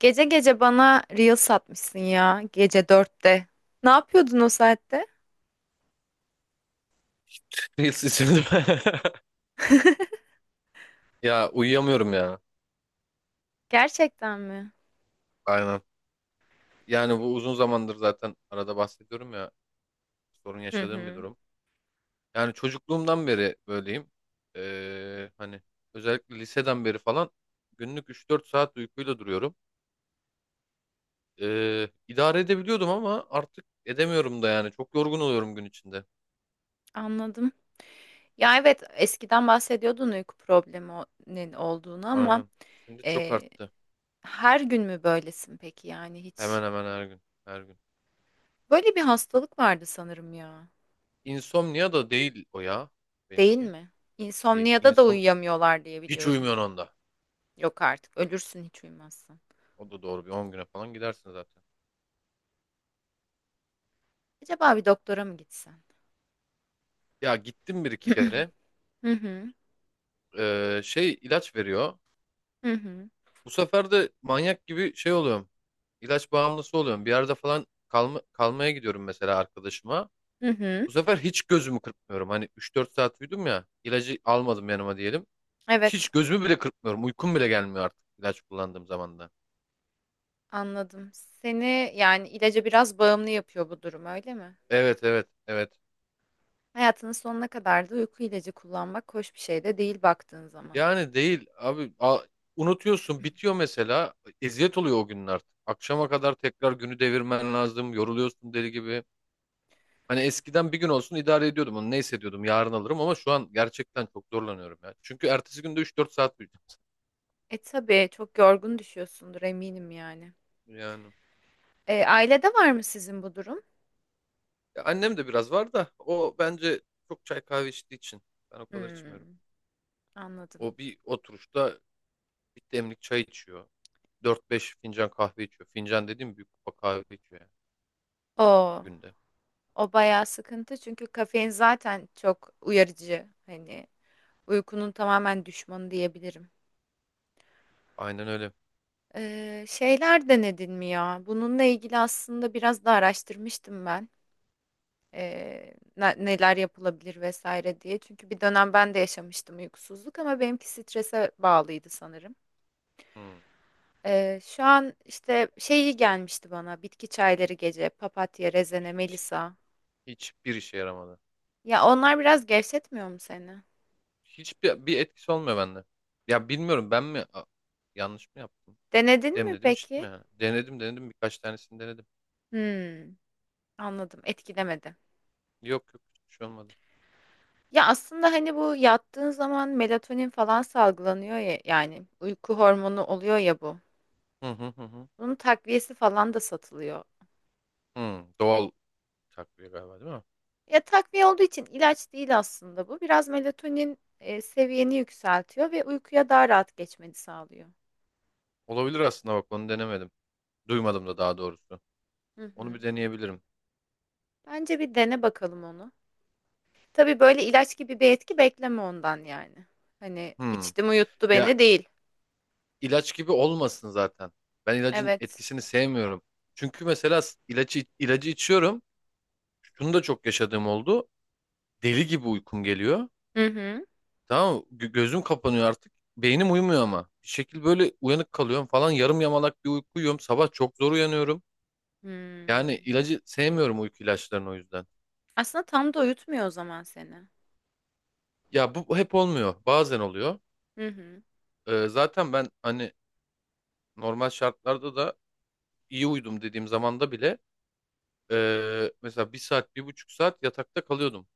Gece gece bana reel satmışsın ya gece 4'te. Ne yapıyordun o saatte? Reels isimli. Ya uyuyamıyorum ya. Gerçekten mi? Aynen. Yani bu uzun zamandır zaten arada bahsediyorum ya, sorun Hı yaşadığım bir hı, durum. Yani çocukluğumdan beri böyleyim. Hani özellikle liseden beri falan günlük 3-4 saat uykuyla duruyorum. İdare edebiliyordum ama artık edemiyorum da yani. Çok yorgun oluyorum gün içinde. anladım. Ya evet eskiden bahsediyordun uyku probleminin olduğunu ama Aynen. Şimdi çok e, arttı. her gün mü böylesin peki yani Hemen hiç? hemen her gün. Her gün. Böyle bir hastalık vardı sanırım ya. İnsomnia da değil o ya. Değil Benimki. mi? Değil. İnsomniyada da İnsom uyuyamıyorlar diye hiç biliyorum. uyumuyorsun onda. Yok artık ölürsün hiç uyumazsan. O da doğru bir 10 güne falan gidersin zaten. Acaba bir doktora mı gitsen? Ya gittim 1-2 kere. Hı hı, Şey ilaç veriyor. hı hı, Bu sefer de manyak gibi şey oluyorum. İlaç bağımlısı oluyorum. Bir yerde falan kalma, kalmaya gidiyorum mesela arkadaşıma. hı hı. Bu sefer hiç gözümü kırpmıyorum. Hani 3-4 saat uyudum ya. İlacı almadım yanıma diyelim. Hiç Evet. gözümü bile kırpmıyorum. Uykum bile gelmiyor artık ilaç kullandığım zaman da. Anladım. Seni yani ilaca biraz bağımlı yapıyor bu durum, öyle mi? Evet evet evet. Hayatının sonuna kadar da uyku ilacı kullanmak hoş bir şey de değil baktığın zaman. Yani değil abi unutuyorsun bitiyor mesela eziyet oluyor o günler. Akşama kadar tekrar günü devirmen lazım yoruluyorsun deli gibi. Hani eskiden bir gün olsun idare ediyordum onu ne hissediyordum yarın alırım ama şu an gerçekten çok zorlanıyorum ya. Çünkü ertesi günde 3-4 saat uyuyacağım E tabii çok yorgun düşüyorsundur eminim yani. yani. E, ailede var mı sizin bu durum? Ya annem de biraz var da o bence çok çay kahve içtiği için ben o kadar içmiyorum. Hmm, anladım. O bir oturuşta bir demlik çay içiyor. 4-5 fincan kahve içiyor. Fincan dediğim büyük kupa kahve içiyor yani O, günde. o bayağı sıkıntı çünkü kafein zaten çok uyarıcı. Hani uykunun tamamen düşmanı diyebilirim. Aynen öyle. Şeyler denedin mi ya? Bununla ilgili aslında biraz da araştırmıştım ben. Neler yapılabilir vesaire diye. Çünkü bir dönem ben de yaşamıştım uykusuzluk ama benimki strese bağlıydı sanırım. Hmm. Şu an işte şeyi gelmişti bana bitki çayları gece papatya, rezene, Hiç, melisa. hiçbir işe yaramadı. Ya onlar biraz gevşetmiyor mu seni? Hiçbir etkisi olmuyor bende. Ya bilmiyorum ben mi yanlış mı yaptım? Denedin mi Demledim içtim peki? yani. Denedim birkaç tanesini denedim. Hmm, anladım etkilemedi. Yok yok hiçbir şey olmadı. Ya aslında hani bu yattığın zaman melatonin falan salgılanıyor ya yani uyku hormonu oluyor ya bu. Hı hı hı hı. Bunun takviyesi falan da satılıyor. Hı, doğal takviye galiba değil mi? Ya takviye olduğu için ilaç değil aslında bu. Biraz melatonin seviyeni yükseltiyor ve uykuya daha rahat geçmeni sağlıyor. Olabilir aslında bak onu denemedim. Duymadım da daha doğrusu. Hı Onu bir hı. deneyebilirim. Bence bir dene bakalım onu. Tabii böyle ilaç gibi bir etki bekleme ondan yani. Hani Hı. içtim uyuttu Ya beni değil. ilaç gibi olmasın zaten. Ben ilacın Evet. etkisini sevmiyorum. Çünkü mesela ilacı içiyorum. Şunu da çok yaşadığım oldu. Deli gibi uykum geliyor. Hı hı. Tamam mı? Gözüm kapanıyor artık. Beynim uyumuyor ama. Bir şekil böyle uyanık kalıyorum falan. Yarım yamalak bir uyku uyuyorum. Sabah çok zor uyanıyorum. Yani Hmm. ilacı sevmiyorum uyku ilaçlarını o yüzden. Aslında tam da uyutmuyor o zaman seni. Ya bu hep olmuyor. Bazen oluyor. Hı hı. Zaten ben hani normal şartlarda da iyi uyudum dediğim zamanda bile mesela bir saat, bir buçuk saat yatakta kalıyordum.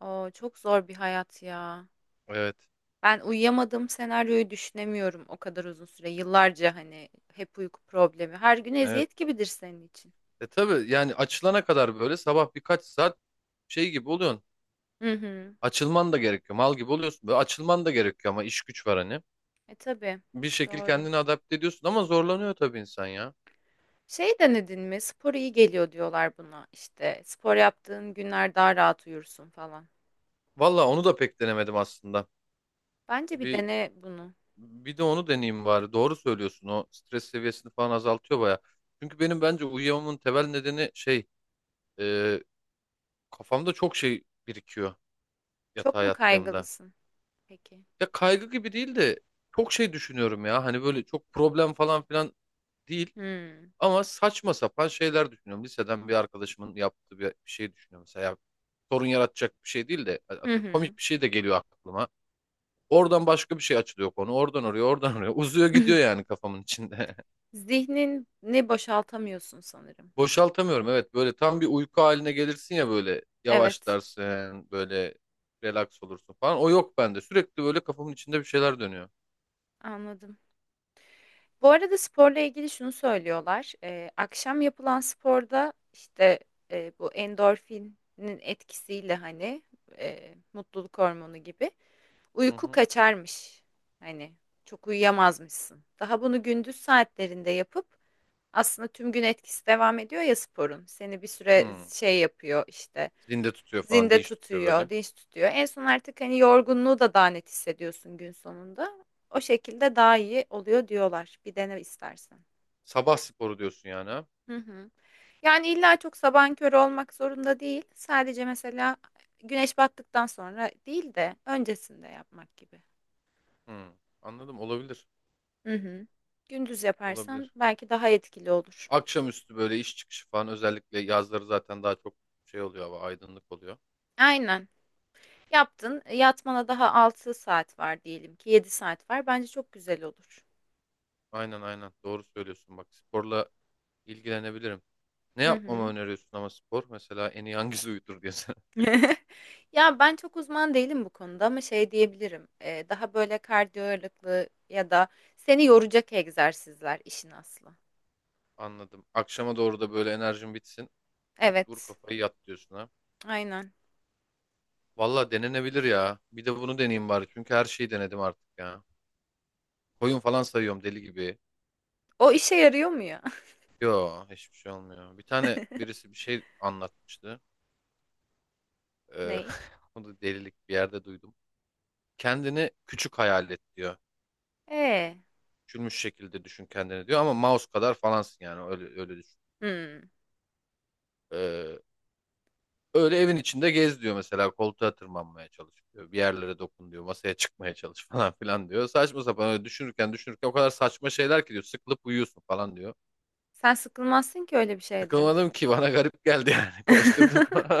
Oo, çok zor bir hayat ya. Evet. Ben uyuyamadığım senaryoyu düşünemiyorum o kadar uzun süre. Yıllarca hani hep uyku problemi. Her gün Evet. eziyet gibidir senin için. E tabii yani açılana kadar böyle sabah birkaç saat şey gibi oluyorsun. Hı hı. Açılman da gerekiyor. Mal gibi oluyorsun. Böyle açılman da gerekiyor ama iş güç var hani. E tabii. Bir şekil Doğru. kendini adapte ediyorsun ama zorlanıyor tabii insan ya. Şey denedin mi? Spor iyi geliyor diyorlar buna. İşte spor yaptığın günler daha rahat uyursun falan. Valla onu da pek denemedim aslında. Bence bir Bir dene bunu. bir de onu deneyeyim bari. Doğru söylüyorsun. O stres seviyesini falan azaltıyor baya. Çünkü benim bence uyuyamamın temel nedeni şey e, kafamda çok şey birikiyor Çok yatağa mu yattığımda. kaygılısın? Peki. Ya kaygı gibi değil de çok şey düşünüyorum ya. Hani böyle çok problem falan filan değil. Hmm. Ama saçma sapan şeyler düşünüyorum. Liseden bir arkadaşımın yaptığı bir şey düşünüyorum. Mesela ya, sorun yaratacak bir şey değil de Hı atıyorum, hı. komik bir şey de geliyor aklıma. Oradan başka bir şey açılıyor konu. Oradan oraya, oradan oraya. Uzuyor gidiyor yani kafamın içinde. Zihnini boşaltamıyorsun sanırım. Boşaltamıyorum evet. Böyle tam bir uyku haline gelirsin ya böyle Evet, yavaşlarsın, böyle relax olursun falan. O yok bende. Sürekli böyle kafamın içinde bir şeyler dönüyor. anladım. Bu arada sporla ilgili şunu söylüyorlar. Akşam yapılan sporda işte bu endorfinin etkisiyle hani mutluluk hormonu gibi. Hı Uyku hı. kaçarmış. Hani çok uyuyamazmışsın. Daha bunu gündüz saatlerinde yapıp aslında tüm gün etkisi devam ediyor ya sporun. Seni bir süre Hı. şey yapıyor işte. Zinde tutuyor falan, Zinde dinç tutuyor tutuyor, böyle. dinç tutuyor. En son artık hani yorgunluğu da daha net hissediyorsun gün sonunda. O şekilde daha iyi oluyor diyorlar. Bir dene istersen. Sabah sporu diyorsun yani ha? Hı hı. Yani illa çok sabahın körü olmak zorunda değil. Sadece mesela güneş battıktan sonra değil de öncesinde yapmak gibi. Hı. Anladım olabilir. Hı hı. Gündüz yaparsam Olabilir. belki daha etkili olur. Akşamüstü böyle iş çıkışı falan özellikle yazları zaten daha çok şey oluyor hava aydınlık oluyor. Aynen. Yaptın. Yatmana daha 6 saat var diyelim ki 7 saat var. Bence çok güzel olur. Aynen aynen doğru söylüyorsun bak sporla ilgilenebilirim. Ne Hı yapmamı hı. öneriyorsun ama spor mesela en iyi hangisi uyutur diye sana. Ya ben çok uzman değilim bu konuda ama şey diyebilirim. Daha böyle kardiyo ağırlıklı ya da seni yoracak egzersizler işin aslı. Anladım. Akşama doğru da böyle enerjin bitsin. Küt vur Evet. kafayı yat diyorsun ha. Aynen. Valla denenebilir ya. Bir de bunu deneyeyim bari. Çünkü her şeyi denedim artık ya. Koyun falan sayıyorum deli gibi. O işe yarıyor mu ya? Yo hiçbir şey olmuyor. Bir tane birisi bir şey anlatmıştı. Ee, Ney? onu da delilik bir yerde duydum. Kendini küçük hayal et diyor. Ee. Küçülmüş şekilde düşün kendini diyor ama mouse kadar falansın yani öyle öyle düşün. Hmm. Ee, Öyle evin içinde gez diyor mesela koltuğa tırmanmaya çalış diyor. Bir yerlere dokun diyor. Masaya çıkmaya çalış falan filan diyor. Saçma sapan öyle düşünürken düşünürken o kadar saçma şeyler ki diyor. Sıkılıp uyuyorsun falan diyor. Sen sıkılmazsın ki öyle bir şeyde. Sıkılmadım ki bana garip geldi yani. Koşturdum.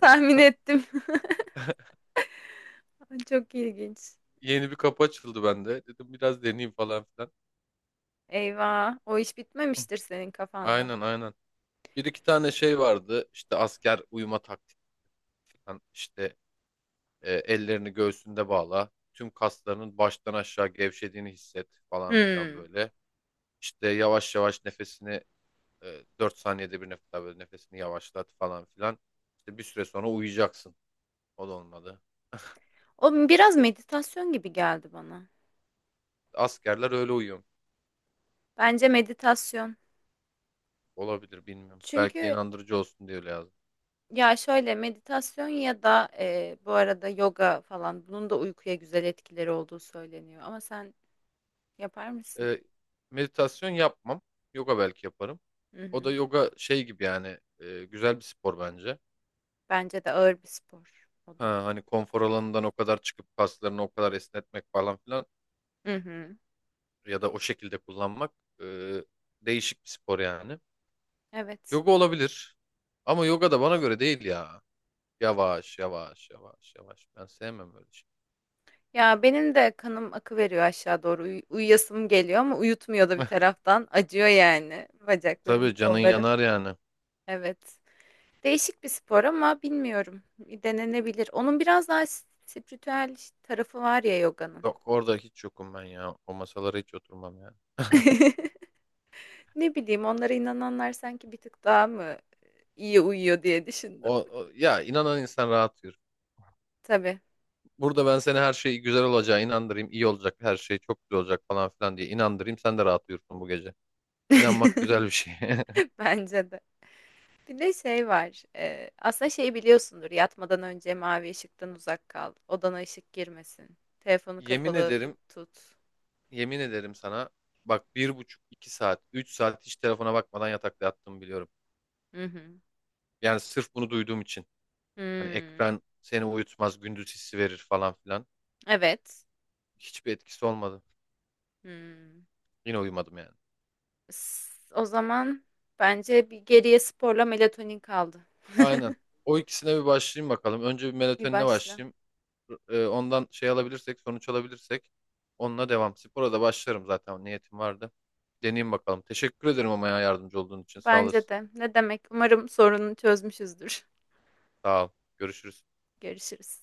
Tahmin ettim. Çok ilginç. Yeni bir kapı açıldı bende. Dedim biraz deneyeyim falan filan. Eyvah, o iş Hı. bitmemiştir senin kafanda. Aynen aynen. Bir iki tane şey vardı. İşte asker uyuma taktik falan. İşte ellerini göğsünde bağla. Tüm kaslarının baştan aşağı gevşediğini hisset falan filan Hmm. böyle. İşte yavaş yavaş nefesini 4 saniyede bir nefes al, böyle nefesini yavaşlat falan filan. İşte bir süre sonra uyuyacaksın. O da olmadı. O biraz meditasyon gibi geldi bana. Askerler öyle uyuyor. Bence meditasyon. Olabilir bilmiyorum. Belki de Çünkü inandırıcı olsun diye öyle yazdım. ya şöyle meditasyon ya da bu arada yoga falan bunun da uykuya güzel etkileri olduğu söyleniyor. Ama sen yapar mısın? E, Meditasyon yapmam. Yoga belki yaparım. Hı O da hı. yoga şey gibi yani güzel bir spor bence. Bence de ağır bir spor o da. Ha, hani konfor alanından o kadar çıkıp kaslarını o kadar esnetmek falan filan Hı hı. ya da o şekilde kullanmak e, değişik bir spor yani. Evet. Yoga olabilir. Ama yoga da bana göre değil ya. Yavaş yavaş yavaş yavaş. Ben sevmem böyle şey. Ya benim de kanım akı veriyor aşağı doğru. Uyuyasım geliyor ama uyutmuyor da bir taraftan. Acıyor yani bacaklarım, Tabii canın kollarım. yanar yani. Evet. Değişik bir spor ama bilmiyorum. Denenebilir. Onun biraz daha spiritüel tarafı var ya yoganın. Yok orada hiç yokum ben ya. O masalara hiç oturmam yani. Ne bileyim onlara inananlar sanki bir tık daha mı iyi uyuyor diye düşündüm. Ya inanan insan rahat yürür. Tabii. Burada ben seni her şey güzel olacağı inandırayım, iyi olacak, her şey çok güzel olacak falan filan diye inandırayım. Sen de rahat uyursun bu gece. İnanmak güzel bir şey. Bence de. Bir de şey var. Aslında şey biliyorsundur. Yatmadan önce mavi ışıktan uzak kal. Odana ışık girmesin. Telefonu Yemin kapalı ederim tut. Yemin ederim sana bak bir buçuk, iki saat, üç saat hiç telefona bakmadan yatakta yattığımı biliyorum. Hı hı. Yani sırf bunu duyduğum için. Hani Hmm, ekran seni uyutmaz, gündüz hissi verir falan filan. evet. Hiçbir etkisi olmadı. Hmm. Yine uyumadım yani. O zaman bence bir geriye sporla melatonin kaldı. Aynen. O ikisine bir başlayayım bakalım. Önce bir Bir melatoninle başla. başlayayım. Ondan şey alabilirsek, sonuç alabilirsek onunla devam. Spora da başlarım zaten. Niyetim vardı. Deneyeyim bakalım. Teşekkür ederim ama ya yardımcı olduğun için. Sağ Bence olasın. de. Ne demek? Umarım sorunu çözmüşüzdür. Sağ ol. Görüşürüz. Görüşürüz.